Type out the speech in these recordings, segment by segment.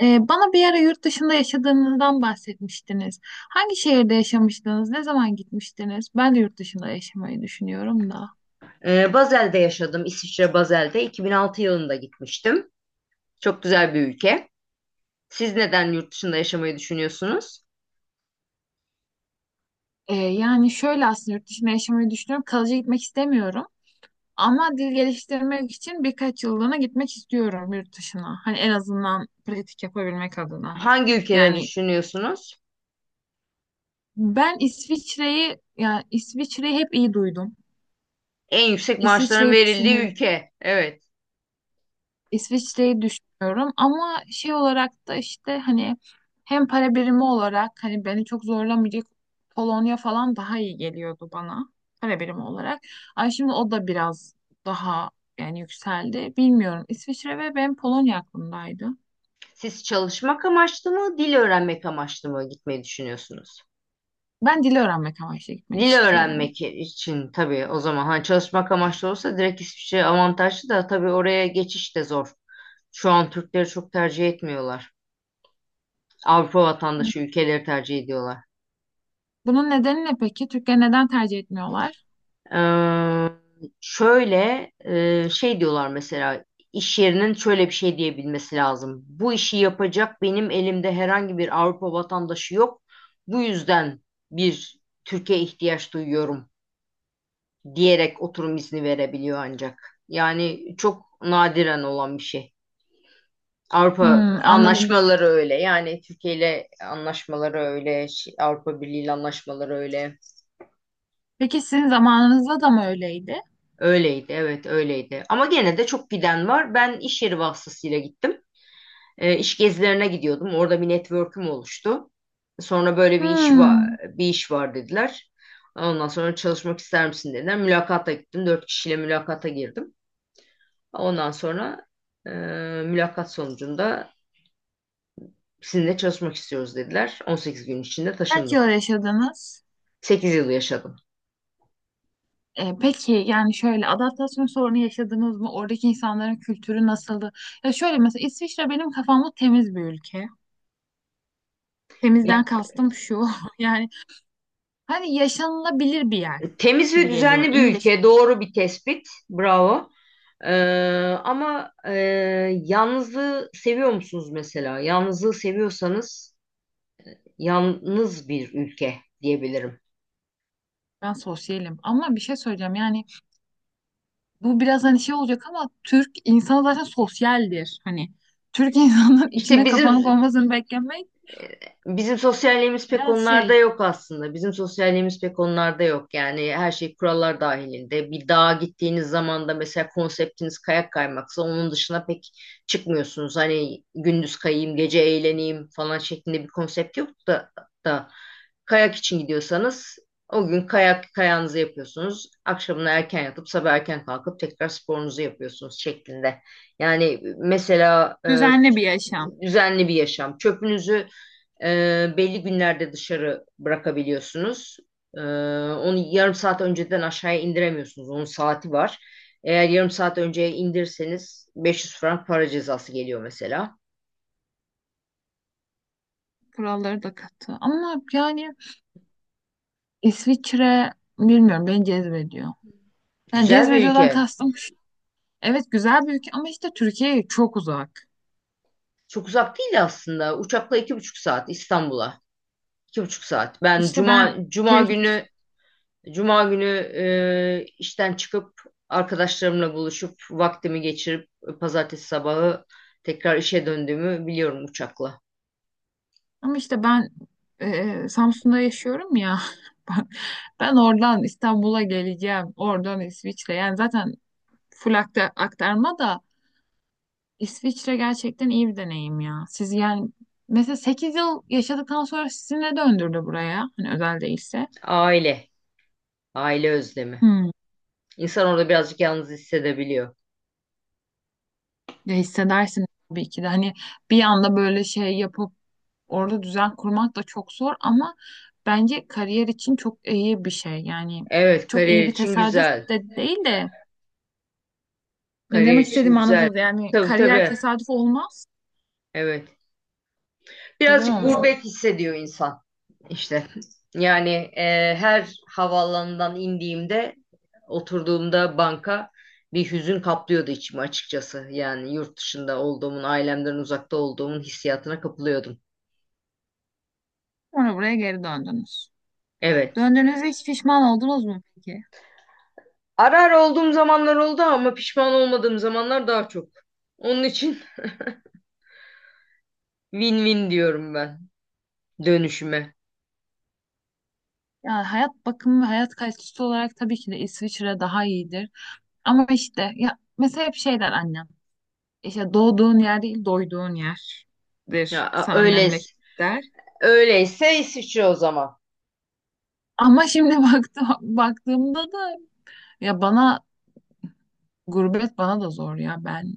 Bana bir ara yurt dışında yaşadığınızdan bahsetmiştiniz. Hangi şehirde yaşamıştınız? Ne zaman gitmiştiniz? Ben de yurt dışında yaşamayı düşünüyorum da. Basel'de yaşadım. İsviçre Basel'de. 2006 yılında gitmiştim. Çok güzel bir ülke. Siz neden yurt dışında yaşamayı düşünüyorsunuz? Yani şöyle aslında yurt dışında yaşamayı düşünüyorum. Kalıcı gitmek istemiyorum. Ama dil geliştirmek için birkaç yıllığına gitmek istiyorum yurt dışına. Hani en azından pratik yapabilmek adına. Hangi ülkeleri Yani düşünüyorsunuz? ben İsviçre'yi hep iyi duydum. En yüksek maaşların İsviçre'yi verildiği düşünüyorum. ülke. Evet. İsviçre'yi düşünüyorum ama şey olarak da işte hani hem para birimi olarak hani beni çok zorlamayacak Polonya falan daha iyi geliyordu bana para birimi olarak. Ay şimdi o da biraz daha yani yükseldi. Bilmiyorum. İsviçre ve ben Polonya aklımdaydı. Siz çalışmak amaçlı mı, dil öğrenmek amaçlı mı gitmeyi düşünüyorsunuz? Ben dili öğrenmek amaçlı gitmek Dil istiyorum. öğrenmek için tabii o zaman hani çalışmak amaçlı olsa direkt İsviçre avantajlı da tabii oraya geçiş de zor. Şu an Türkleri çok tercih etmiyorlar. Avrupa Hı. vatandaşı ülkeleri tercih ediyorlar. Bunun nedeni ne peki? Türkleri neden tercih etmiyorlar? Ee, şöyle şey diyorlar mesela iş yerinin şöyle bir şey diyebilmesi lazım. Bu işi yapacak benim elimde herhangi bir Avrupa vatandaşı yok. Bu yüzden bir Türkiye ihtiyaç duyuyorum diyerek oturum izni verebiliyor ancak. Yani çok nadiren olan bir şey. Avrupa Hmm, anladım. anlaşmaları öyle. Yani Türkiye ile anlaşmaları öyle, Avrupa Birliği ile anlaşmaları öyle. Peki sizin zamanınızda da mı öyleydi? Öyleydi, evet öyleydi. Ama gene de çok giden var. Ben iş yeri vasıtasıyla gittim. İş gezilerine gidiyordum. Orada bir network'üm oluştu. Sonra böyle bir iş var, Hmm, bir iş var dediler. Ondan sonra çalışmak ister misin dediler. Mülakata gittim. Dört kişiyle mülakata girdim. Ondan sonra e, mülakat sonucunda sizinle çalışmak istiyoruz dediler. 18 gün içinde Kaç taşındım. yıl yaşadınız? 8 yıl yaşadım. Peki yani şöyle adaptasyon sorunu yaşadınız mı? Oradaki insanların kültürü nasıldı? Ya şöyle mesela İsviçre benim kafamda temiz bir ülke. Temizden kastım şu. Yani hani yaşanılabilir bir yer Temiz gibi ve geliyor. düzenli bir İyi yaşam. ülke. Doğru bir tespit. Bravo. Ee, ama yalnızlığı seviyor musunuz mesela? Yalnızlığı seviyorsanız yalnız bir ülke diyebilirim. Ben sosyalim. Ama bir şey söyleyeceğim. Yani bu biraz hani şey olacak ama Türk insanı zaten sosyaldir. Hani Türk insanının İşte içine kapanık bizim olmasını beklemek Bizim sosyalliğimiz pek biraz onlarda şey, yok aslında. Bizim sosyalliğimiz pek onlarda yok. Yani her şey kurallar dahilinde. Bir dağa gittiğiniz zaman da mesela konseptiniz kayak kaymaksa onun dışına pek çıkmıyorsunuz. Hani gündüz kayayım, gece eğleneyim falan şeklinde bir konsept yok da, kayak için gidiyorsanız o gün kayak kayağınızı yapıyorsunuz. Akşamına erken yatıp sabah erken kalkıp tekrar sporunuzu yapıyorsunuz şeklinde. Yani mesela düzenli bir yaşam. düzenli bir yaşam. Çöpünüzü belli günlerde dışarı bırakabiliyorsunuz. Ee, onu yarım saat önceden aşağıya indiremiyorsunuz. Onun saati var. Eğer yarım saat önceye indirseniz 500 frank para cezası geliyor mesela. Kuralları da katı. Ama yani İsviçre bilmiyorum beni cezbediyor. Yani Güzel bir cezbediyordan ülke. kastım şu. Evet, güzel bir ülke ama işte Türkiye'ye çok uzak. Çok uzak değil aslında. Uçakla iki buçuk saat İstanbul'a. İki buçuk saat. Ben İşte cuma ben cuma şey, günü cuma günü işten çıkıp arkadaşlarımla buluşup vaktimi geçirip pazartesi sabahı tekrar işe döndüğümü biliyorum uçakla. ama işte ben Samsun'da yaşıyorum ya. Ben, ben oradan İstanbul'a geleceğim. Oradan İsviçre. Yani zaten full aktarma da İsviçre gerçekten iyi bir deneyim ya. Siz yani mesela 8 yıl yaşadıktan sonra sizi ne döndürdü buraya? Hani özel değilse. Aile. Aile özlemi. Hmm. İnsan orada birazcık yalnız hissedebiliyor. Ya hissedersin tabii ki de hani bir anda böyle şey yapıp orada düzen kurmak da çok zor ama bence kariyer için çok iyi bir şey. Yani Evet, çok kariyer iyi bir için tesadüf güzel. de değil de ne Kariyer demek için istediğimi güzel. anladınız. Yani Tabii kariyer tabii. tesadüf olmaz. Evet. Güzel Birazcık olmuş. gurbet hissediyor insan işte. Yani her havaalanından indiğimde, oturduğumda banka bir hüzün kaplıyordu içimi açıkçası. Yani yurt dışında olduğumun, ailemden uzakta olduğumun hissiyatına kapılıyordum. Sonra buraya geri döndünüz. Evet. Döndüğünüzde hiç pişman oldunuz mu peki? Ara ara olduğum zamanlar oldu ama pişman olmadığım zamanlar daha çok. Onun için win-win diyorum ben. Dönüşüme. Yani hayat bakımı ve hayat kalitesi olarak tabii ki de İsviçre daha iyidir. Ama işte ya mesela hep şey der annem. İşte doğduğun yer değil, doyduğun yerdir sana Öyle memleket der. öyleyse İsviçre o zaman. Ama şimdi baktığımda da ya bana gurbet bana da zor ya ben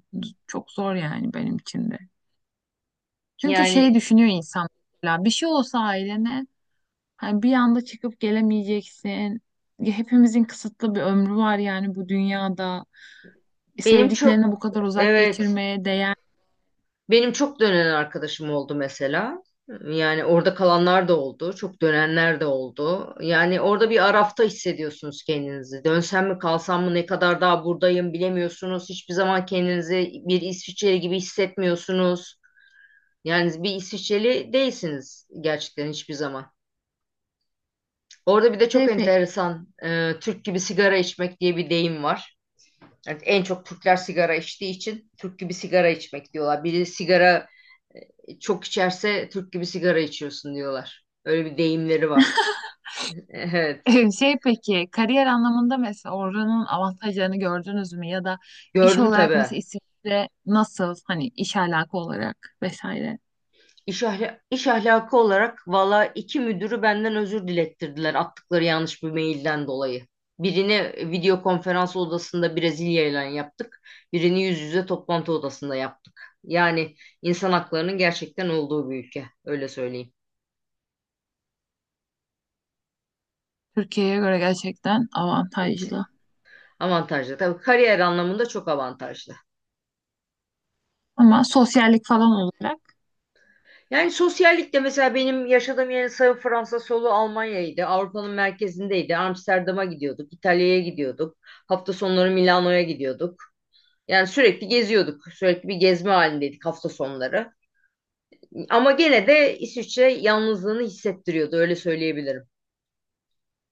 çok zor yani benim için de. Çünkü şey Yani düşünüyor insan mesela bir şey olsa ailene hani bir anda çıkıp gelemeyeceksin. Ya hepimizin kısıtlı bir ömrü var yani bu dünyada. Benim çok Sevdiklerine bu kadar uzak Evet, geçirmeye değer. benim çok dönen arkadaşım oldu mesela. Yani orada kalanlar da oldu, çok dönenler de oldu. Yani orada bir arafta hissediyorsunuz kendinizi. Dönsem mi kalsam mı ne kadar daha buradayım bilemiyorsunuz. Hiçbir zaman kendinizi bir İsviçreli gibi hissetmiyorsunuz. Yani bir İsviçreli değilsiniz gerçekten hiçbir zaman. Orada bir de çok Şey pek enteresan Türk gibi sigara içmek diye bir deyim var. Yani en çok Türkler sigara içtiği için Türk gibi sigara içmek diyorlar. Biri sigara çok içerse Türk gibi sigara içiyorsun diyorlar. Öyle bir deyimleri var. Evet. Şey peki kariyer anlamında mesela oranın avantajlarını gördünüz mü ya da iş Gördüm olarak tabii. mesela İsviçre nasıl hani iş alaka olarak vesaire İş ahlakı olarak valla iki müdürü benden özür dilettirdiler attıkları yanlış bir mailden dolayı. Birini video konferans odasında Brezilya ile yaptık. Birini yüz yüze toplantı odasında yaptık. Yani insan haklarının gerçekten olduğu bir ülke. Öyle söyleyeyim. Türkiye'ye göre gerçekten avantajlı Avantajlı. Tabii kariyer anlamında çok avantajlı. ama sosyallik falan olarak Yani sosyallik de mesela benim yaşadığım yerin sağı Fransa, solu Almanya'ydı. Avrupa'nın merkezindeydi. Amsterdam'a gidiyorduk, İtalya'ya gidiyorduk. Hafta sonları Milano'ya gidiyorduk. Yani sürekli geziyorduk. Sürekli bir gezme halindeydik hafta sonları. Ama gene de İsviçre yalnızlığını hissettiriyordu öyle söyleyebilirim.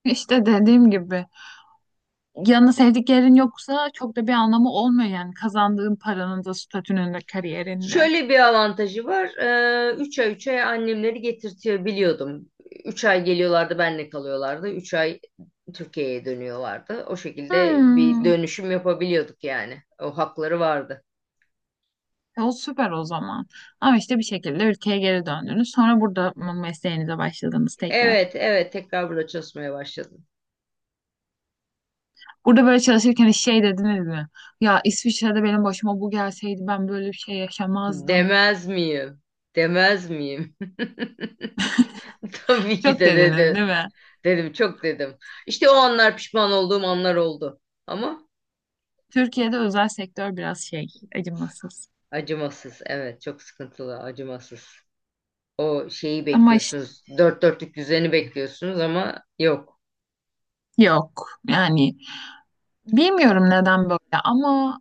işte dediğim gibi yanına sevdiklerin yoksa çok da bir anlamı olmuyor yani kazandığın paranın da statünün de kariyerinde. Şöyle bir avantajı var. Üç ay annemleri getirtiyor biliyordum. 3 ay geliyorlardı benle kalıyorlardı. Üç ay Türkiye'ye dönüyorlardı. O şekilde bir Hmm. dönüşüm yapabiliyorduk yani. O hakları vardı. O süper o zaman. Ama işte bir şekilde ülkeye geri döndünüz. Sonra burada mı mesleğinize başladınız tekrar? Evet, tekrar burada çalışmaya başladım. Burada böyle çalışırken hiç şey dediniz mi? Ya İsviçre'de benim başıma bu gelseydi ben böyle bir şey yaşamazdım. Demez miyim? Demez miyim? Tabii ki Çok de dediniz değil dedin. mi? Dedim, çok dedim. İşte o anlar pişman olduğum anlar oldu. Ama Türkiye'de özel sektör biraz şey, acımasız. acımasız. Evet, çok sıkıntılı, acımasız. O şeyi Ama işte bekliyorsunuz. Dört dörtlük düzeni bekliyorsunuz ama yok. yok. Yani bilmiyorum neden böyle ama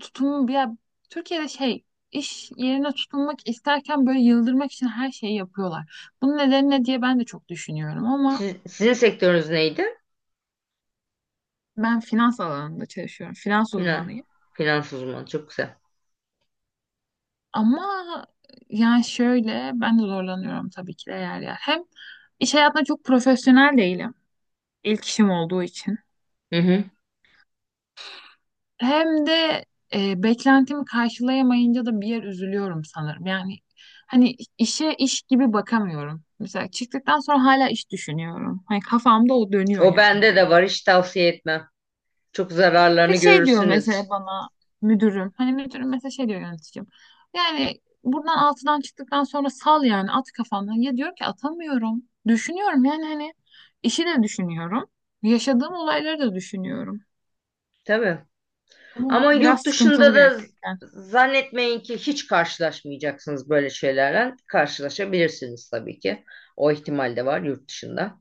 tutum ya, Türkiye'de şey, iş yerine tutunmak isterken böyle yıldırmak için her şeyi yapıyorlar. Bunun nedeni ne diye ben de çok düşünüyorum ama Sizin sektörünüz neydi? ben finans alanında çalışıyorum. Finans Finan. uzmanıyım. Finans uzmanı. Çok güzel. Ama yani şöyle ben de zorlanıyorum tabii ki de yer yer. Hem iş hayatında çok profesyonel değilim. İlk işim olduğu için. Hı hı. Hem de beklentimi karşılayamayınca da bir yer üzülüyorum sanırım. Yani hani işe iş gibi bakamıyorum. Mesela çıktıktan sonra hala iş düşünüyorum. Hani kafamda o dönüyor O yani bende de benim. var. Hiç tavsiye etmem. Çok Ve zararlarını şey diyor görürsünüz. mesela bana müdürüm. Hani müdürüm mesela şey diyor, yöneticim. Yani buradan altıdan çıktıktan sonra sal yani at kafandan. Ya diyor ki atamıyorum. Düşünüyorum yani hani işi de düşünüyorum. Yaşadığım olayları da düşünüyorum. Tabii. Bu Ama yurt biraz sıkıntılı dışında da gerçekten. zannetmeyin ki hiç karşılaşmayacaksınız böyle şeylerle. Karşılaşabilirsiniz tabii ki. O ihtimal de var yurt dışında.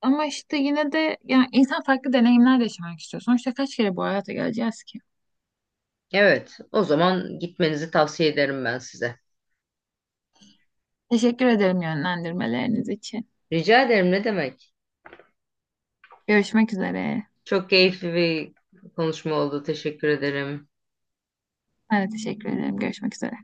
Ama işte yine de yani insan farklı deneyimler de yaşamak istiyor. Sonuçta kaç kere bu hayata geleceğiz ki? Evet, o zaman gitmenizi tavsiye ederim ben size. Teşekkür ederim yönlendirmeleriniz için. Rica ederim, ne demek. Görüşmek üzere. Çok keyifli bir konuşma oldu. Teşekkür ederim. Ben de teşekkür ederim. Görüşmek üzere.